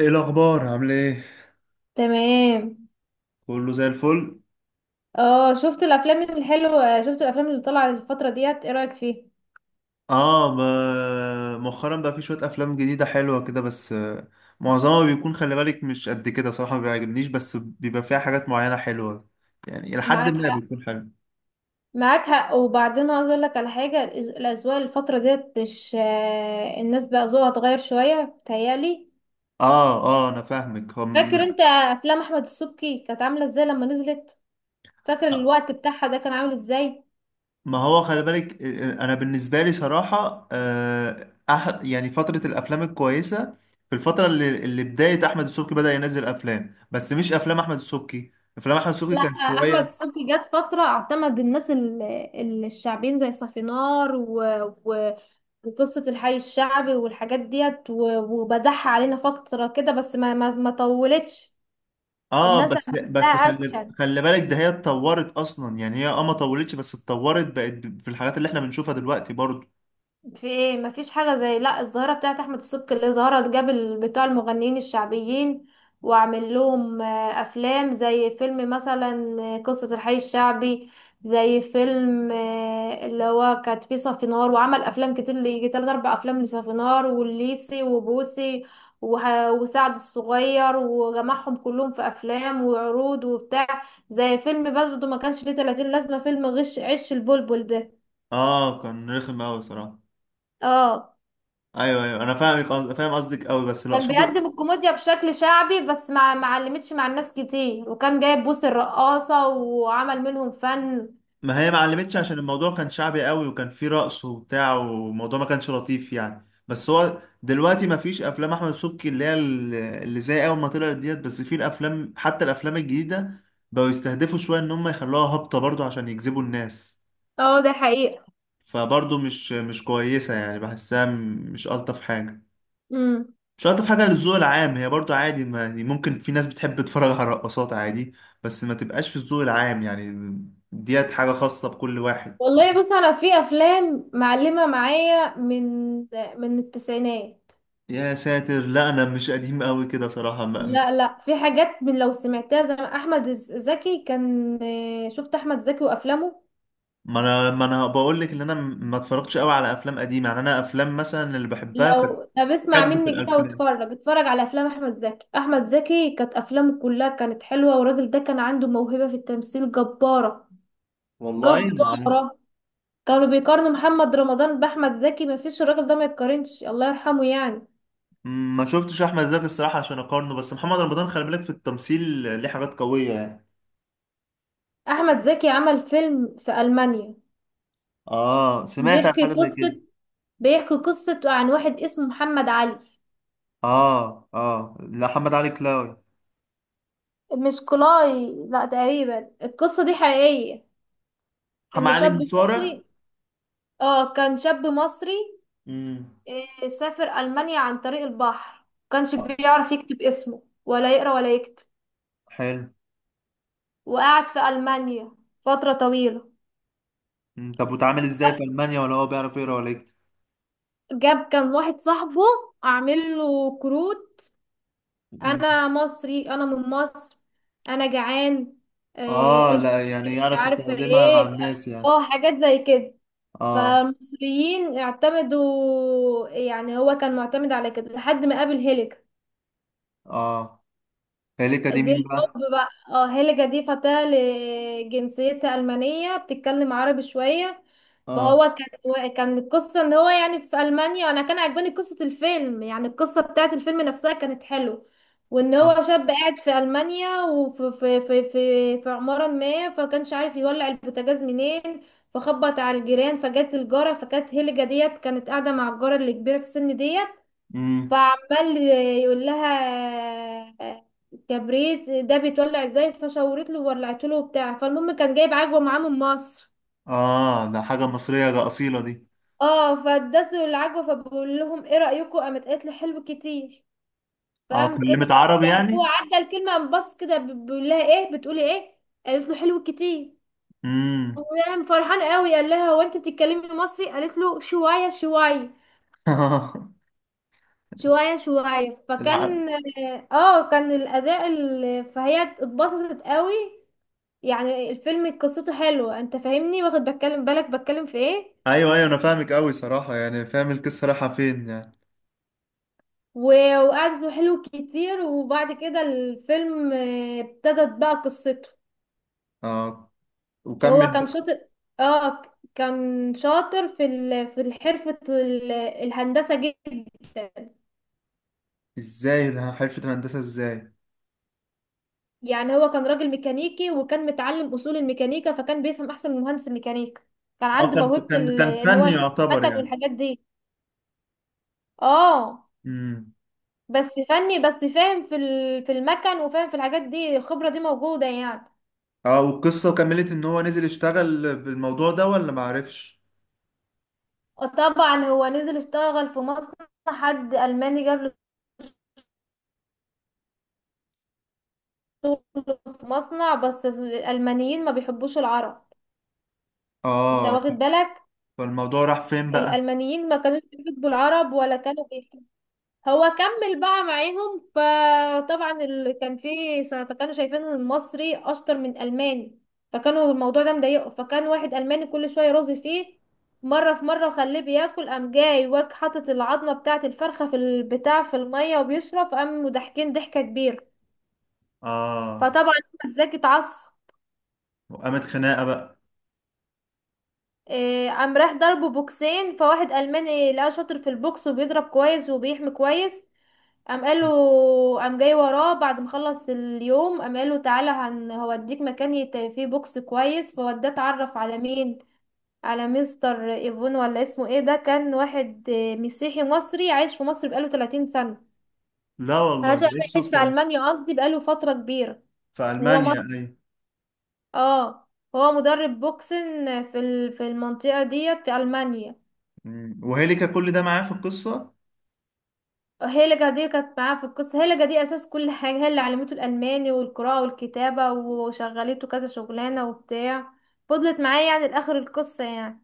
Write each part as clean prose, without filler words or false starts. ايه الاخبار؟ عامل ايه؟ تمام. كله زي الفل. اه شفت الافلام اللي طالعه الفتره ديت، ايه رايك فيها؟ اه ما مؤخرا بقى في شويه افلام جديده حلوه كده، بس معظمها بيكون، خلي بالك، مش قد كده صراحه، ما بيعجبنيش، بس بيبى فيها حاجات معينه حلوه، يعني الى حد معاك ما حق. بيكون حلو. معاك حق، وبعدين عايز اقول لك على حاجه. الاذواق الفتره ديت مش الناس بقى ذوقها اتغير شويه بتهيالي. اه اه، انا فاهمك. فاكر هم انت افلام احمد السبكي كانت عامله ازاي لما نزلت؟ فاكر الوقت بتاعها ده كان عامل ازاي؟ ما هو خلي بالك، انا بالنسبه لي صراحه، يعني فتره الافلام الكويسه في الفتره اللي بدايه احمد السبكي بدا ينزل افلام، بس مش افلام احمد السبكي. افلام احمد السبكي لا، كانت احمد شويه. السبكي جت فتره اعتمد الناس الشعبيين زي صافينار و... و... وقصه الحي الشعبي والحاجات ديت وبدح علينا فتره كده، بس ما طولتش. اه الناس بس عملتها بس، خلي اكشن. خلي بالك، ده هي اتطورت اصلا، يعني هي اه ما طولتش بس اتطورت، بقت ب- في الحاجات اللي احنا بنشوفها دلوقتي برضو. في ايه، مفيش حاجة زي لا الظاهرة بتاعت احمد السبكي اللي ظهرت جاب بتوع المغنيين الشعبيين، وعمل لهم افلام زي فيلم مثلا قصة الحي الشعبي، زي فيلم اللي هو كانت فيه صفينار، وعمل افلام كتير اللي يجي تلات اربع افلام لصفينار والليسي وبوسي وسعد الصغير، وجمعهم كلهم في افلام وعروض وبتاع. زي فيلم برضه ما كانش فيه 30 لازمة فيلم غش عش البلبل ده. اه كان رخم قوي صراحه. اه، ايوه ايوه، انا فاهمك. فاهم قصدك قوي، بس اللي كان اقصده، بيقدم الكوميديا بشكل شعبي، بس ما علمتش مع الناس كتير، وكان جايب بوس الرقاصة وعمل منهم فن. ما هي ما علمتش عشان الموضوع كان شعبي قوي وكان فيه رقص وبتاع، والموضوع ما كانش لطيف يعني. بس هو دلوقتي ما فيش افلام احمد سبكي اللي هي ال- اللي زي اول ما طلعت ديت، بس في الافلام، حتى الافلام الجديده، بقوا يستهدفوا شويه ان هم يخلوها هابطه برضو عشان يجذبوا الناس. اه، ده حقيقة. فبرضه مش كويسة، يعني بحسها م- مش ألطف حاجة. امم. مش ألطف حاجة للذوق العام. هي برضه عادي، ما يعني ممكن في ناس بتحب تتفرج على رقصات، عادي، بس ما تبقاش في الذوق العام يعني. ديت حاجة خاصة بكل واحد. والله بص، انا في افلام معلمة معايا من التسعينات. يا ساتر، لا أنا مش قديم قوي كده صراحة. ما لا لا، في حاجات من لو سمعتها زي ما احمد زكي كان. شفت احمد زكي وافلامه؟ ما أنا بقول لك إن أنا ما اتفرجتش قوي على أفلام قديمة، يعني أنا أفلام مثلا اللي بحبها كانت لو طب اسمع حقبة مني كده الألفينات. واتفرج، اتفرج على افلام احمد زكي. احمد زكي كانت افلامه كلها كانت حلوة، والراجل ده كان عنده موهبة في التمثيل جبارة. والله ما عارف. جبارة. كانوا بيقارنوا محمد رمضان بأحمد زكي، مفيش، الراجل ده ما يتقارنش، الله يرحمه يعني. ما شفتش أحمد زكي الصراحة عشان أقارنه، بس محمد رمضان خلي بالك في التمثيل ليه حاجات قوية يعني. أحمد زكي عمل فيلم في ألمانيا. اه، سمعت عن حاجه بيحكي زي كده. قصة بيحكي قصة عن واحد اسمه محمد علي. اه اه، لا محمد علي كلاوي. مش كلاي، لا، تقريبا القصة دي حقيقية. محمد إن علي شاب مصارع. مصري. اه، كان شاب مصري، امم. سافر ألمانيا عن طريق البحر، كانش آه، بيعرف يكتب اسمه ولا يقرأ ولا يكتب. حلو. وقعد في ألمانيا فترة طويلة. مم. طب وتعامل ازاي في المانيا ولا هو بيعرف يقرا ولا يكتب؟ جاب كان واحد صاحبه اعمل له كروت: مم. انا مصري، انا من مصر، انا جعان، اه، ايش، لا يعني مش يعرف عارفه يستخدمها مع ايه. الناس يعني. اه، حاجات زي كده. اه. فالمصريين اعتمدوا، يعني هو كان معتمد على كده لحد ما قابل هيلر. اه، هيليكا دي دي مين بقى؟ الحب بقى. اه، هيلجا دي فتاة لجنسيتها ألمانية بتتكلم عربي شوية. اه. فهو كان القصة ان هو يعني في ألمانيا، انا كان عجباني قصة الفيلم، يعني القصة بتاعت الفيلم نفسها كانت حلو. وان اه. هو شاب قاعد في ألمانيا، وفي في في في, في عمارة ما، فكانش عارف يولع البوتاجاز منين. فخبط على الجيران، فجت الجارة، فكانت هيلجا ديت كانت قاعدة مع الجارة اللي كبيرة في السن ديت. امم. فعمال يقول لها كبريت ده بيتولع ازاي، فشورت له وولعت له وبتاع. فالمهم كان جايب عجوه معاه من مصر. اه ده حاجه مصريه، ده اصيله دي. اه، فادته العجوه. فبقول لهم ايه رايكم، قامت قالت له حلو كتير. اه، فقام كده، كلمت عربي يعني هو يعني. عدى الكلمه، قام بص كده بيقول لها ايه بتقولي ايه. قالت له حلو كتير. امم. قام فرحان قوي، قال لها هو انت بتتكلمي مصري، قالت له شويه شويه. شويه شويه. لا. فكان، اه، كان الاداء فهي اتبسطت قوي. يعني الفيلم قصته حلوة، انت فاهمني واخد بتكلم بالك بتكلم في ايه. ايوه ايوه، انا فاهمك قوي صراحه، يعني فاهم القصه رايحه فين يعني. وقعدته حلو كتير. وبعد كده الفيلم ابتدت بقى قصته. اه، هو وكمل كان بقى. شاطر. اه، كان شاطر في في حرفة الهندسة، جدا. ازاي حرفة الهندسة ازاي؟ يعني هو كان راجل ميكانيكي، وكان متعلم أصول الميكانيكا، فكان بيفهم أحسن من مهندس الميكانيكا. كان اه، عنده كان موهبة كان كان ان هو فني يصنع يعتبر مكن يعني. والحاجات دي. اه، امم. بس فني، بس فاهم في المكن، وفاهم في الحاجات دي، الخبرة دي موجودة يعني. اه، والقصة كملت ان هو نزل يشتغل بالموضوع ده ولا معرفش؟ طبعا هو نزل اشتغل في مصنع، حد ألماني جاب له شغل في مصنع، بس الألمانيين ما بيحبوش العرب، انت اه، واخد بالك. فالموضوع راح فين بقى؟ الألمانيين ما كانوش بيحبوا العرب ولا كانوا. هو كمل بقى معاهم، فطبعا اللي كان فيه فكانوا شايفين ان المصري اشطر من الماني، فكانوا الموضوع ده مضايقه. فكان واحد الماني كل شويه يرازي فيه، مره في مره، وخليه بياكل، قام جاي واك حاطط العظمه بتاعه الفرخه في البتاع في الميه وبيشرب، قام ضاحكين ضحكه كبيره. اه، فطبعا احمد زكي اتعصب، وقامت خناقة بقى. إيه، قام راح ضربه بوكسين. فواحد الماني لقاه شاطر في البوكس، وبيضرب كويس وبيحمي كويس، قام قال له، قام جاي وراه بعد ما خلص اليوم، قام قال له تعالى هوديك مكان فيه بوكس كويس، فوداه اتعرف على مين، على مستر ايفون ولا اسمه ايه. ده كان واحد مسيحي مصري عايش في مصر بقاله 30 سنة. لا والله، عشان ده ايه عايش الصدفة في دي؟ ألمانيا، قصدي بقاله فترة كبيرة، في وهو ألمانيا، مصري. ايوه. اه، هو مدرب بوكسن في في المنطقة ديت في ألمانيا. مم. وهيليكا كل ده معاه في القصة؟ هيلجا دي كانت معاه في القصة. هيلجا دي أساس كل حاجة، هي اللي علمته الألماني والقراءة والكتابة، وشغلته كذا شغلانة وبتاع. فضلت معاه يعني لآخر القصة يعني.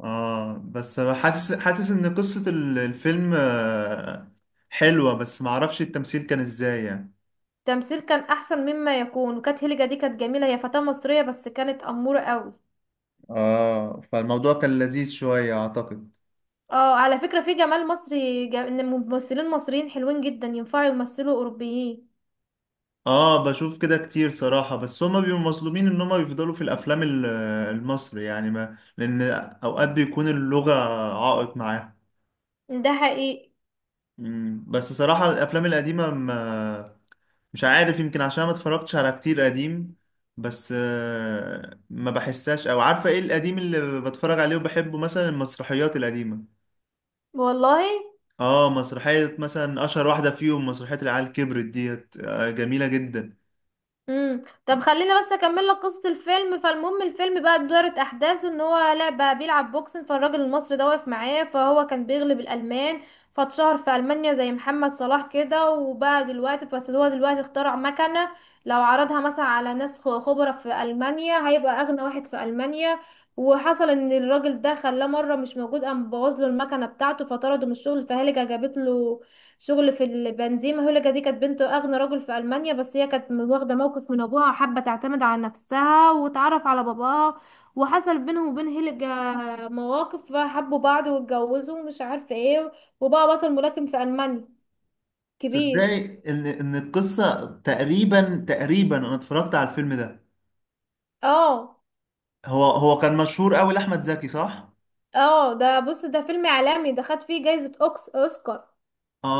اه، بس حاسس ان قصة ال- الفيلم حلوة، بس معرفش التمثيل كان ازاي يعني. التمثيل كان أحسن مما يكون، وكانت هيلجا دي كانت جميلة، هي فتاة مصرية بس كانت أمورة قوي. اه، فالموضوع كان لذيذ شوية اعتقد. اه، على فكرة في جمال مصري، إن ممثلين مصريين حلوين جدا ينفعوا يمثلوا أوروبيين. اه، بشوف كده كتير صراحة، بس هما بيبقوا مظلومين ان هما بيفضلوا في الافلام ال- المصري يعني، ما لان اوقات بيكون اللغة عائق معاهم. ده حقيقي. مم، بس صراحة الافلام القديمة ما، مش عارف، يمكن عشان ما اتفرجتش على كتير قديم، بس ما بحسهاش. او عارفة ايه القديم اللي بتفرج عليه وبحبه؟ مثلا المسرحيات القديمة. والله. اه، مسرحية مثلا اشهر واحدة فيهم مسرحية العيال كبرت ديت، جميلة جدا. امم. طب خليني بس اكمل لك قصه الفيلم. فالمهم الفيلم بقى دارت احداثه ان هو لا بقى بيلعب بوكسنج، فالراجل المصري ده واقف معاه، فهو كان بيغلب الالمان، فاتشهر في المانيا زي محمد صلاح كده. وبقى دلوقتي، بس هو دلوقتي اخترع مكنه، لو عرضها مثلا على ناس خبرة في المانيا هيبقى اغنى واحد في المانيا. وحصل ان الراجل ده خلاه مره مش موجود، قام بوظ له المكنه بتاعته، فطرده من الشغل. فهلجه جابت له شغل في البنزيمة. هولجا دي كانت بنت أغنى رجل في ألمانيا، بس هي كانت واخدة موقف من أبوها، وحابة تعتمد على نفسها وتعرف على باباها. وحصل بينهم وبين هيلجا مواقف، فحبوا بعض واتجوزوا ومش عارفة ايه، وبقى بطل ملاكم في ألمانيا كبير. تصدقي ان القصه تقريبا، تقريبا انا اتفرجت على الفيلم ده. اه. هو كان مشهور قوي لاحمد زكي صح؟ اه، ده بص ده فيلم إعلامي، ده خد فيه جايزة أوسكار.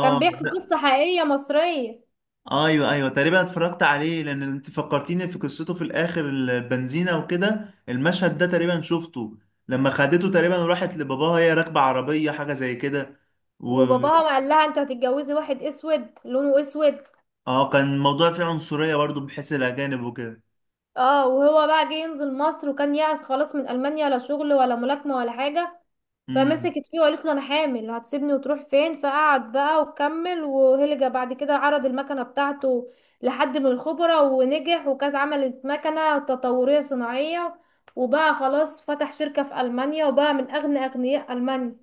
كان بيحكي لا. قصة حقيقية مصرية. ايوه ايوه، تقريبا اتفرجت عليه، لان انت فكرتيني في قصته في الاخر، البنزينه وكده المشهد ده تقريبا شفته، لما خدته تقريبا، وراحت لباباها هي راكبه عربيه حاجه زي كده. و، وباباها قال لها انت هتتجوزي واحد اسود، لونه اسود. اه كان الموضوع فيه عنصريه برضو بحيث الاجانب وكده. اه، وهو بقى جه ينزل مصر، وكان يأس خلاص من ألمانيا، لا شغل ولا ملاكمة ولا حاجة. امم. فمسكت فيه وقالت له أنا حامل، هتسيبني وتروح فين. فقعد بقى وكمل، وهلجة بعد كده عرض المكنة بتاعته لحد من الخبراء ونجح، وكانت عملت مكنة تطورية صناعية. وبقى خلاص، فتح شركة في ألمانيا، وبقى من أغنى أغنياء ألمانيا.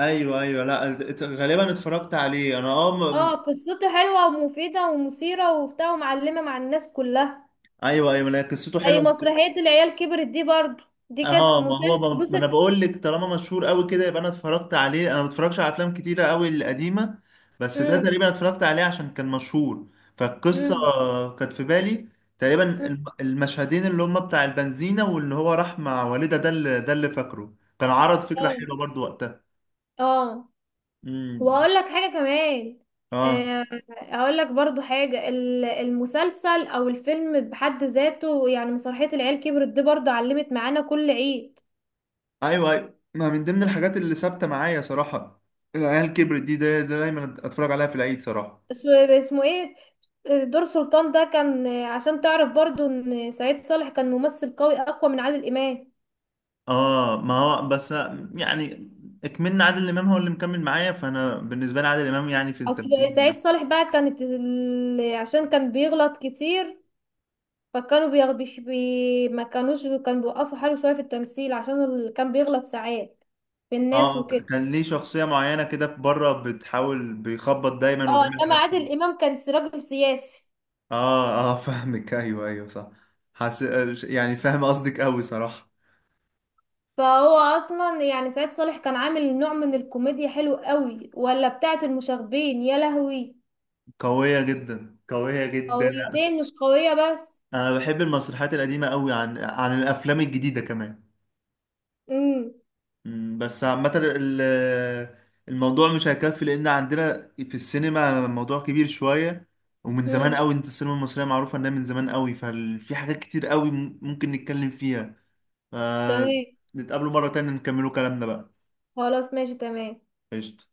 ايوه ايوه لا، غالبا اتفرجت عليه انا اه م-. اه، قصته حلوة ومفيدة ومثيرة وبتاع ومعلمة مع الناس كلها. ايوه ايوه لا، قصته أي حلوه. مسرحية العيال كبرت دي برضو، دي كانت اه ما هو ب... ما انا مسلسل. بقول لك طالما مشهور قوي كده يبقى انا اتفرجت عليه. انا ما بتفرجش على افلام كتيره قوي القديمه، بس ده بص. تقريبا اتفرجت عليه عشان كان مشهور. فالقصه امم. كانت في بالي. تقريبا المشهدين اللي هم بتاع البنزينه، واللي هو راح مع والده، ده اللي، ده اللي فاكره. كان عرض فكره اه. حلوه برضو وقتها. اه، امم. واقول لك حاجه كمان. اه. آه، اقول لك برضو حاجه المسلسل او الفيلم بحد ذاته، يعني مسرحيه العيال كبرت دي برضو علمت معانا كل عيد. ايوه ايوه، ما من ضمن الحاجات اللي ثابته معايا صراحه العيال كبرت دي. ده ده دايما اتفرج عليها في العيد صراحه. اسمه ايه، دور سلطان ده كان، عشان تعرف برضو ان سعيد صالح كان ممثل قوي اقوى من عادل امام. اه ما هو بس، يعني اكملنا عادل امام، هو اللي مكمل معايا، فانا بالنسبه لي عادل امام يعني في اصل التمثيل. سعيد صالح بقى كانت عشان كان بيغلط كتير، فكانوا بيغبش ما كانوش كانوا بيوقفوا حاله شوية في التمثيل عشان كان بيغلط ساعات في الناس اه، وكده. كان ليه شخصيه معينه كده في بره، بتحاول بيخبط دايما اه، وبيعمل انما حاجات عادل كده. امام كان راجل سياسي. اه اه فاهمك. ايوه ايوه صح. حس... يعني فاهم قصدك قوي صراحه. فهو اصلا يعني سعيد صالح كان عامل نوع من الكوميديا حلو قوي، ولا بتاعة المشاغبين يا لهوي. قويه جدا، قويه جدا. قويتين مش قوية بس. انا بحب المسرحيات القديمه قوي عن عن الافلام الجديده كمان. امم. مم، بس عامة ال- الموضوع مش هيكفي، لأن عندنا في السينما موضوع كبير شوية ومن زمان امم. قوي. انت السينما المصرية معروفة انها من زمان قوي، ففي حاجات كتير قوي ممكن نتكلم فيها. ف- تمام. نتقابلوا مرة تانية نكملوا كلامنا بقى. خلاص، ماشي، تمام. قشطة.